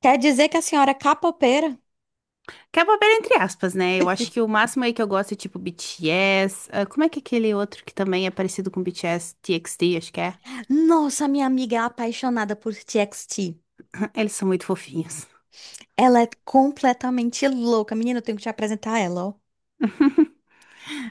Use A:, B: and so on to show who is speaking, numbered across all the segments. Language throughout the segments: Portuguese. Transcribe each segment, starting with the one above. A: Quer dizer que a senhora é capoeira?
B: Que é bobeira entre aspas, né? Eu acho que o máximo aí que eu gosto é tipo BTS. Ah, como é que é aquele outro que também é parecido com BTS, TXT, acho que é?
A: Nossa, minha amiga é apaixonada por TXT.
B: Eles são muito fofinhos.
A: Ela é completamente louca. Menina, eu tenho que te apresentar ela, ó.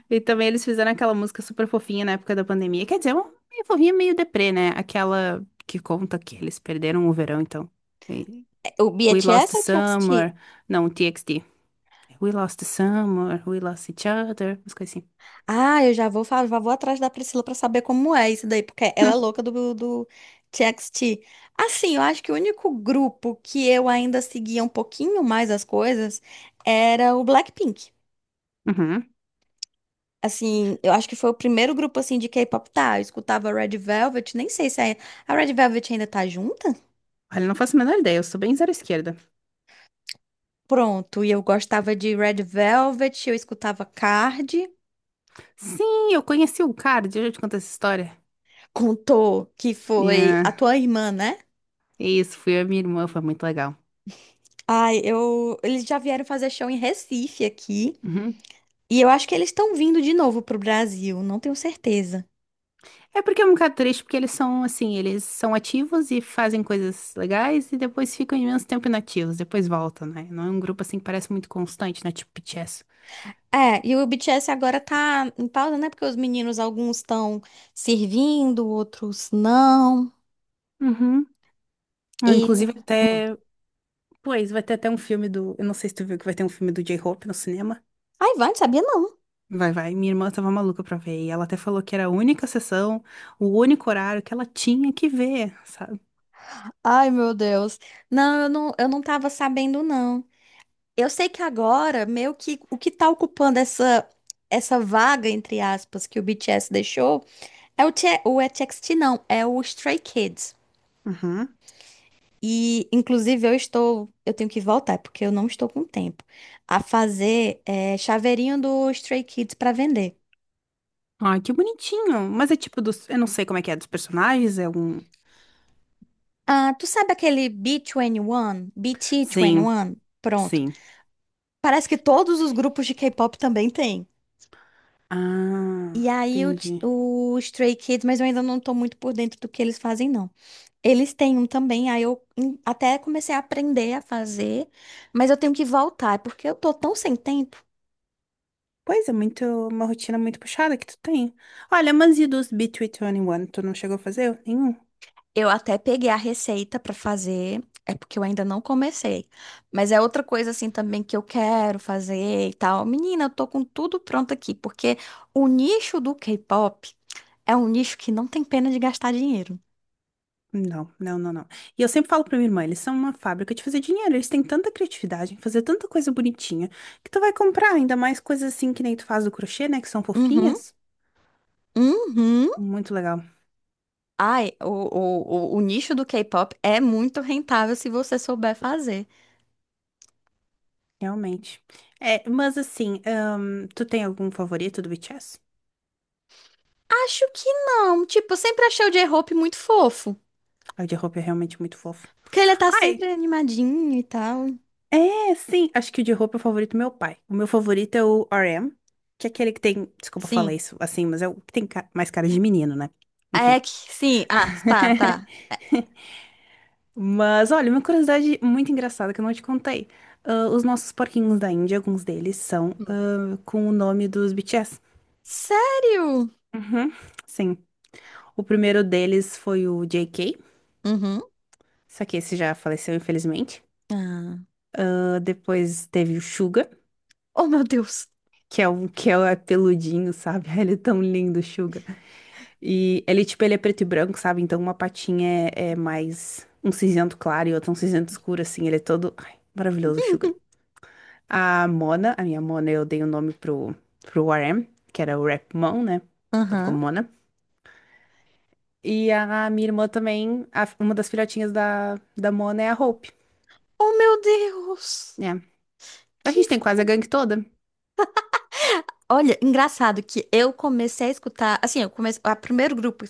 B: E também eles fizeram aquela música super fofinha na época da pandemia. Quer dizer, uma meio fofinha, meio deprê, né? Aquela que conta que eles perderam o verão, então. E-
A: É, o
B: We lost
A: BTS
B: the
A: ou o
B: summer.
A: TXT?
B: Não, TXT. We lost the summer, we lost each other. Umas coisas assim.
A: Ah, eu já vou, já vou atrás da Priscila pra saber como é isso daí, porque ela é
B: Hum,
A: louca do TXT. Assim, eu acho que o único grupo que eu ainda seguia um pouquinho mais as coisas era o Blackpink.
B: uhum.
A: Assim, eu acho que foi o primeiro grupo assim de K-pop, tá? Eu escutava Red Velvet, nem sei se é. A Red Velvet ainda tá junta.
B: Olha, não faço a menor ideia, eu sou bem zero esquerda.
A: Pronto, e eu gostava de Red Velvet, eu escutava Card,
B: Sim, eu conheci um cara, deixa eu te contar essa história.
A: contou que foi a
B: Yeah.
A: tua irmã, né?
B: Isso, fui eu e minha irmã, foi muito legal.
A: Ai, eu eles já vieram fazer show em Recife aqui,
B: Uhum.
A: e eu acho que eles estão vindo de novo pro Brasil, não tenho certeza.
B: É porque é um bocado triste, porque eles são assim, eles são ativos e fazem coisas legais e depois ficam imenso tempo inativos, depois voltam, né? Não é um grupo assim que parece muito constante, né? Tipo BTS.
A: É, e o BTS agora tá em pausa, né? Porque os meninos, alguns estão servindo, outros não.
B: Uhum. Ah,
A: E.
B: inclusive até, pois, vai ter até um filme do, eu não sei se tu viu que vai ter um filme do J-Hope no cinema.
A: Ai, vai, não sabia não.
B: Vai, vai. Minha irmã tava maluca pra ver e ela até falou que era a única sessão, o único horário que ela tinha que ver, sabe?
A: Ai, meu Deus. Não, eu não tava sabendo, não. Eu sei que agora, meio que o que tá ocupando essa vaga, entre aspas, que o BTS deixou, é o TXT, não, é o Stray Kids.
B: Uhum.
A: E, inclusive, eu tenho que voltar, porque eu não estou com tempo, a fazer chaveirinho do Stray Kids para vender.
B: Ai, que bonitinho. Mas é tipo dos. Eu não sei como é que é dos personagens, é um.
A: Ah, tu sabe aquele B21?
B: Sim,
A: BT21? Pronto.
B: sim.
A: Parece que todos os grupos de K-pop também têm. E
B: Ah,
A: aí o, ti-
B: entendi.
A: o Stray Kids, mas eu ainda não tô muito por dentro do que eles fazem, não. Eles têm um também, aí eu até comecei a aprender a fazer, mas eu tenho que voltar, é porque eu tô tão sem tempo.
B: Pois é, muito, uma rotina muito puxada que tu tem. Olha, mas e dos B321? Tu não chegou a fazer nenhum?
A: Eu até peguei a receita pra fazer, é porque eu ainda não comecei. Mas é outra coisa assim também que eu quero fazer e tal. Menina, eu tô com tudo pronto aqui, porque o nicho do K-pop é um nicho que não tem pena de gastar dinheiro.
B: Não, não, não, não. E eu sempre falo pra minha irmã, eles são uma fábrica de fazer dinheiro. Eles têm tanta criatividade em fazer tanta coisa bonitinha que tu vai comprar, ainda mais coisas assim que nem tu faz do crochê, né? Que são
A: Uhum,
B: fofinhas.
A: uhum.
B: Muito legal,
A: Ai, o nicho do K-pop é muito rentável se você souber fazer.
B: realmente. É, mas assim, tu tem algum favorito do BTS?
A: Acho que não. Tipo, eu sempre achei o J-Hope muito fofo.
B: Ai, o de roupa é realmente muito fofo.
A: Porque ele tá sempre
B: Ai,
A: animadinho e tal.
B: é, sim. Acho que o de roupa é o favorito do meu pai. O meu favorito é o RM, que é aquele que tem. Desculpa falar
A: Sim.
B: isso assim, mas é o que tem mais cara de menino, né? Enfim.
A: É que, sim. Ah, tá, tá.
B: Mas olha, uma curiosidade muito engraçada que eu não te contei. Ah, os nossos porquinhos da Índia, alguns deles, são
A: Hum.
B: ah, com o nome dos BTS.
A: Sério?
B: Uhum, sim. O primeiro deles foi o JK,
A: Uhum.
B: só que esse já faleceu, infelizmente.
A: Ah.
B: Ah, depois teve o Suga.
A: Oh, meu Deus.
B: Que é um que é peludinho, sabe? Ele é tão lindo, Suga. E ele, tipo, ele é preto e branco, sabe? Então uma patinha é, é mais um cinzento claro e outra um cinzento escuro, assim. Ele é todo. Ai, maravilhoso, Suga. A Mona, a minha Mona, eu dei o nome pro, RM, que era o Rap Mon, né? Então ficou
A: Aham.
B: Mona. E a minha irmã também, uma das filhotinhas da Mona é a Hope,
A: Oh, meu Deus.
B: né? A
A: Que
B: gente tem quase a gangue toda.
A: Olha, engraçado que eu comecei a escutar, assim, eu comecei, o primeiro grupo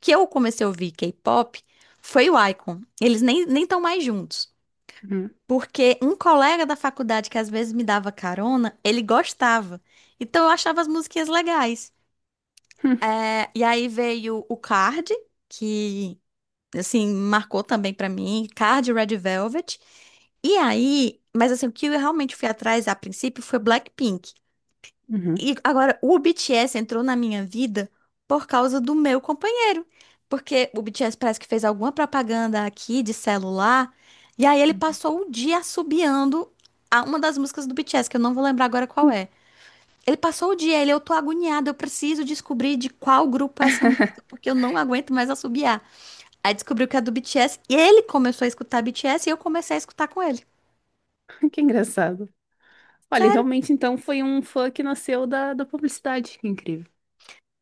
A: que eu comecei a ouvir K-pop foi o Icon. Eles nem estão mais juntos,
B: Uhum.
A: porque um colega da faculdade que às vezes me dava carona, ele gostava. Então eu achava as musiquinhas legais. É, e aí veio o Card, que assim marcou também pra mim, Card e Red Velvet. E aí, mas assim, o que eu realmente fui atrás a princípio foi Blackpink.
B: Uhum.
A: E agora, o BTS entrou na minha vida por causa do meu companheiro. Porque o BTS parece que fez alguma propaganda aqui de celular. E aí ele
B: Uhum.
A: passou o dia assobiando a uma das músicas do BTS, que eu não vou lembrar agora qual
B: Uhum.
A: é. Ele passou o dia, eu tô agoniada, eu preciso descobrir de qual grupo é essa música, porque eu não aguento mais assobiar. Aí descobriu que é do BTS, e ele começou a escutar BTS e eu comecei a escutar com ele.
B: Que engraçado. Olha,
A: Sério.
B: realmente então foi um fã que nasceu da publicidade. Que incrível.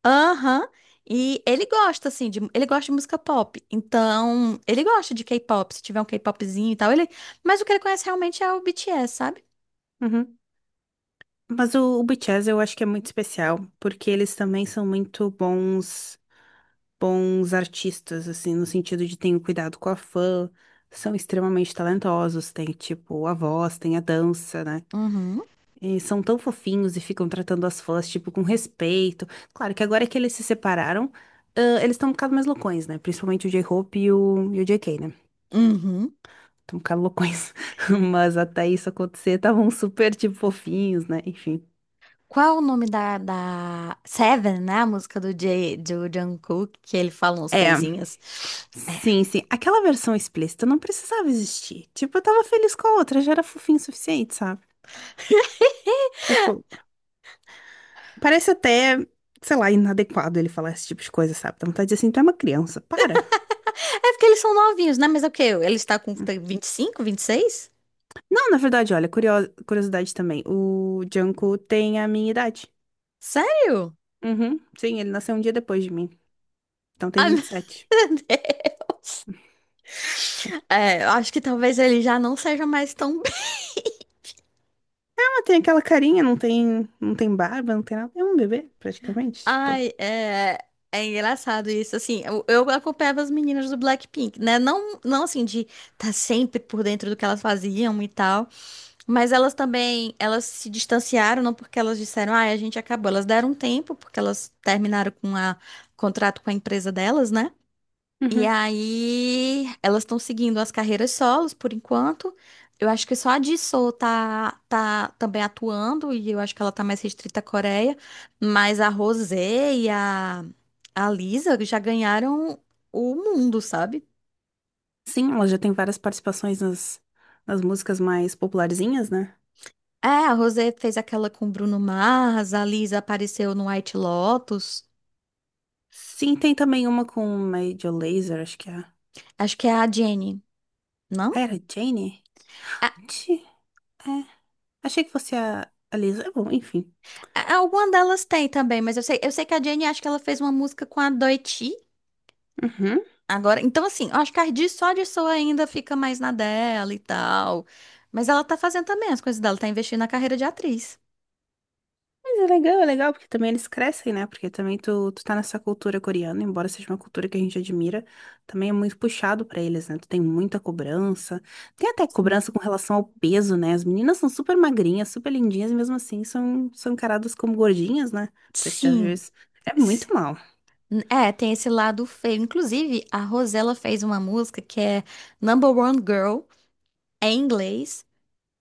A: Aham. E ele gosta, assim, ele gosta de música pop. Então, ele gosta de K-pop. Se tiver um K-popzinho e tal, ele. Mas o que ele conhece realmente é o BTS, sabe?
B: Uhum. Mas o BTS eu acho que é muito especial, porque eles também são muito bons, bons artistas, assim, no sentido de terem cuidado com a fã, são extremamente talentosos, tem, tipo, a voz, tem a dança, né?
A: Uhum.
B: E são tão fofinhos e ficam tratando as fãs, tipo, com respeito. Claro que agora que eles se separaram, ah, eles estão um bocado mais loucões, né? Principalmente o J-Hope e o JK, né?
A: Uhum.
B: Tão loucões. Mas até isso acontecer, estavam super, tipo, fofinhos, né? Enfim.
A: Qual o nome da, da Seven, né? A música do Jungkook, que ele fala umas
B: É,
A: coisinhas.
B: sim, sim. Aquela versão explícita não precisava existir. Tipo, eu tava feliz com a outra, já era fofinho o suficiente, sabe? Tipo, parece até, sei lá, inadequado ele falar esse tipo de coisa, sabe? Dá vontade de dizer assim, tu é uma criança, para.
A: É porque eles são novinhos, né? Mas é o quê? Ele está com vinte e 26?
B: Não, na verdade, olha, curiosidade também. O Junko tem a minha idade.
A: Sério?
B: Uhum, sim, ele nasceu um dia depois de mim. Então tem
A: Ai,
B: vinte e sete.
A: meu Deus. É, eu acho que talvez ele já não seja mais tão.
B: Tem aquela carinha, não tem, não tem barba, não tem nada. É um bebê, praticamente, tipo.
A: Ai, é, é engraçado isso. Assim, eu acompanhava as meninas do Blackpink, né? Não, não assim, de estar tá sempre por dentro do que elas faziam e tal. Mas elas também, elas se distanciaram, não porque elas disseram, ai, a gente acabou. Elas deram um tempo, porque elas terminaram com a contrato com a empresa delas, né? E
B: Uhum.
A: aí, elas estão seguindo as carreiras solos por enquanto. Eu acho que só a Jisoo tá também atuando, e eu acho que ela tá mais restrita à Coreia. Mas a Rosé e a Lisa já ganharam o mundo, sabe?
B: Sim, ela já tem várias participações nas músicas mais popularzinhas, né?
A: É, a Rosé fez aquela com Bruno Mars, a Lisa apareceu no White Lotus.
B: Sim, tem também uma com Major Lazer, acho que é.
A: Acho que é a Jenny, não?
B: Ah, era Jane?
A: A-
B: Ti- É. Achei que fosse a Lisa. Bom, enfim.
A: Alguma delas tem também, mas eu sei que a Jenny acho que ela fez uma música com a Doechii.
B: Uhum.
A: Agora, então assim, eu acho que a Cardi só de só ainda fica mais na dela e tal. Mas ela tá fazendo também as coisas dela, tá investindo na carreira de atriz.
B: Mas é legal, porque também eles crescem, né? Porque também tu tá nessa cultura coreana, embora seja uma cultura que a gente admira, também é muito puxado pra eles, né? Tu tem muita cobrança. Tem até
A: Sim.
B: cobrança com relação ao peso, né? As meninas são super magrinhas, super lindinhas, e mesmo assim são, encaradas como gordinhas, né? Não sei se tu já viu
A: Sim.
B: isso. É
A: S-
B: muito mal.
A: É, tem esse lado feio. Inclusive, a Rosella fez uma música que é Number One Girl, é em inglês,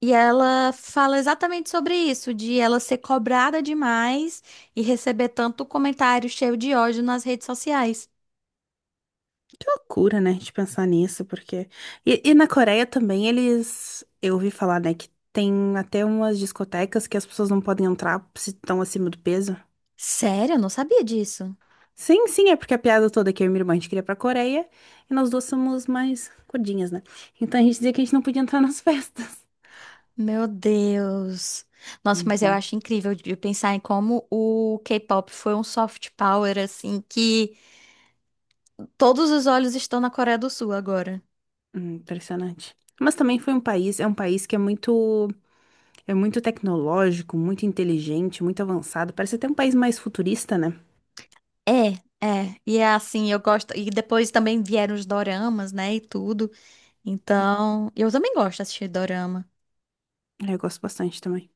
A: e ela fala exatamente sobre isso, de ela ser cobrada demais e receber tanto comentário cheio de ódio nas redes sociais.
B: Que loucura, né? De pensar nisso, porque. E na Coreia também eles. Eu ouvi falar, né? Que tem até umas discotecas que as pessoas não podem entrar se estão acima do peso.
A: Sério, eu não sabia disso.
B: Sim, sim, é porque a piada toda é que eu e minha irmã a gente queria ir pra Coreia e nós duas somos mais gordinhas, né? Então a gente dizia que a gente não podia entrar nas festas.
A: Meu Deus. Nossa,
B: Muito
A: mas eu
B: bom.
A: acho incrível de pensar em como o K-pop foi um soft power, assim, que todos os olhos estão na Coreia do Sul agora.
B: Impressionante. Mas também foi um país, é um país que é muito tecnológico, muito inteligente, muito avançado. Parece até um país mais futurista, né?
A: É, é. E é assim, eu gosto. E depois também vieram os doramas, né, e tudo. Então, eu também gosto de assistir dorama.
B: É, eu gosto bastante também.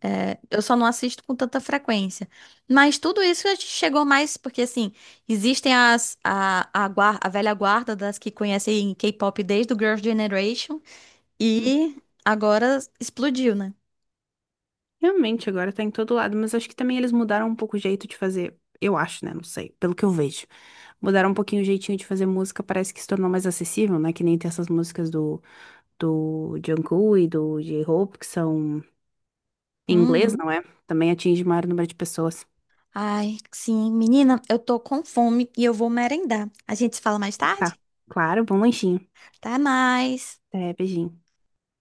A: É, é, eu só não assisto com tanta frequência. Mas tudo isso a gente chegou mais porque, assim, existem as, a, guar- a velha guarda das que conhecem K-pop desde o Girls' Generation.
B: Uhum.
A: E agora explodiu, né?
B: Realmente, agora tá em todo lado, mas acho que também eles mudaram um pouco o jeito de fazer. Eu acho, né? Não sei, pelo que eu vejo. Mudaram um pouquinho o jeitinho de fazer música, parece que se tornou mais acessível, né? Que nem tem essas músicas do Jungkook e do J-Hope, que são em inglês,
A: Uhum.
B: não é? Também atinge o maior número de pessoas.
A: Ai, sim, menina, eu tô com fome e eu vou merendar. A gente se fala mais
B: Tá,
A: tarde?
B: claro, bom lanchinho.
A: Até mais.
B: Até, beijinho.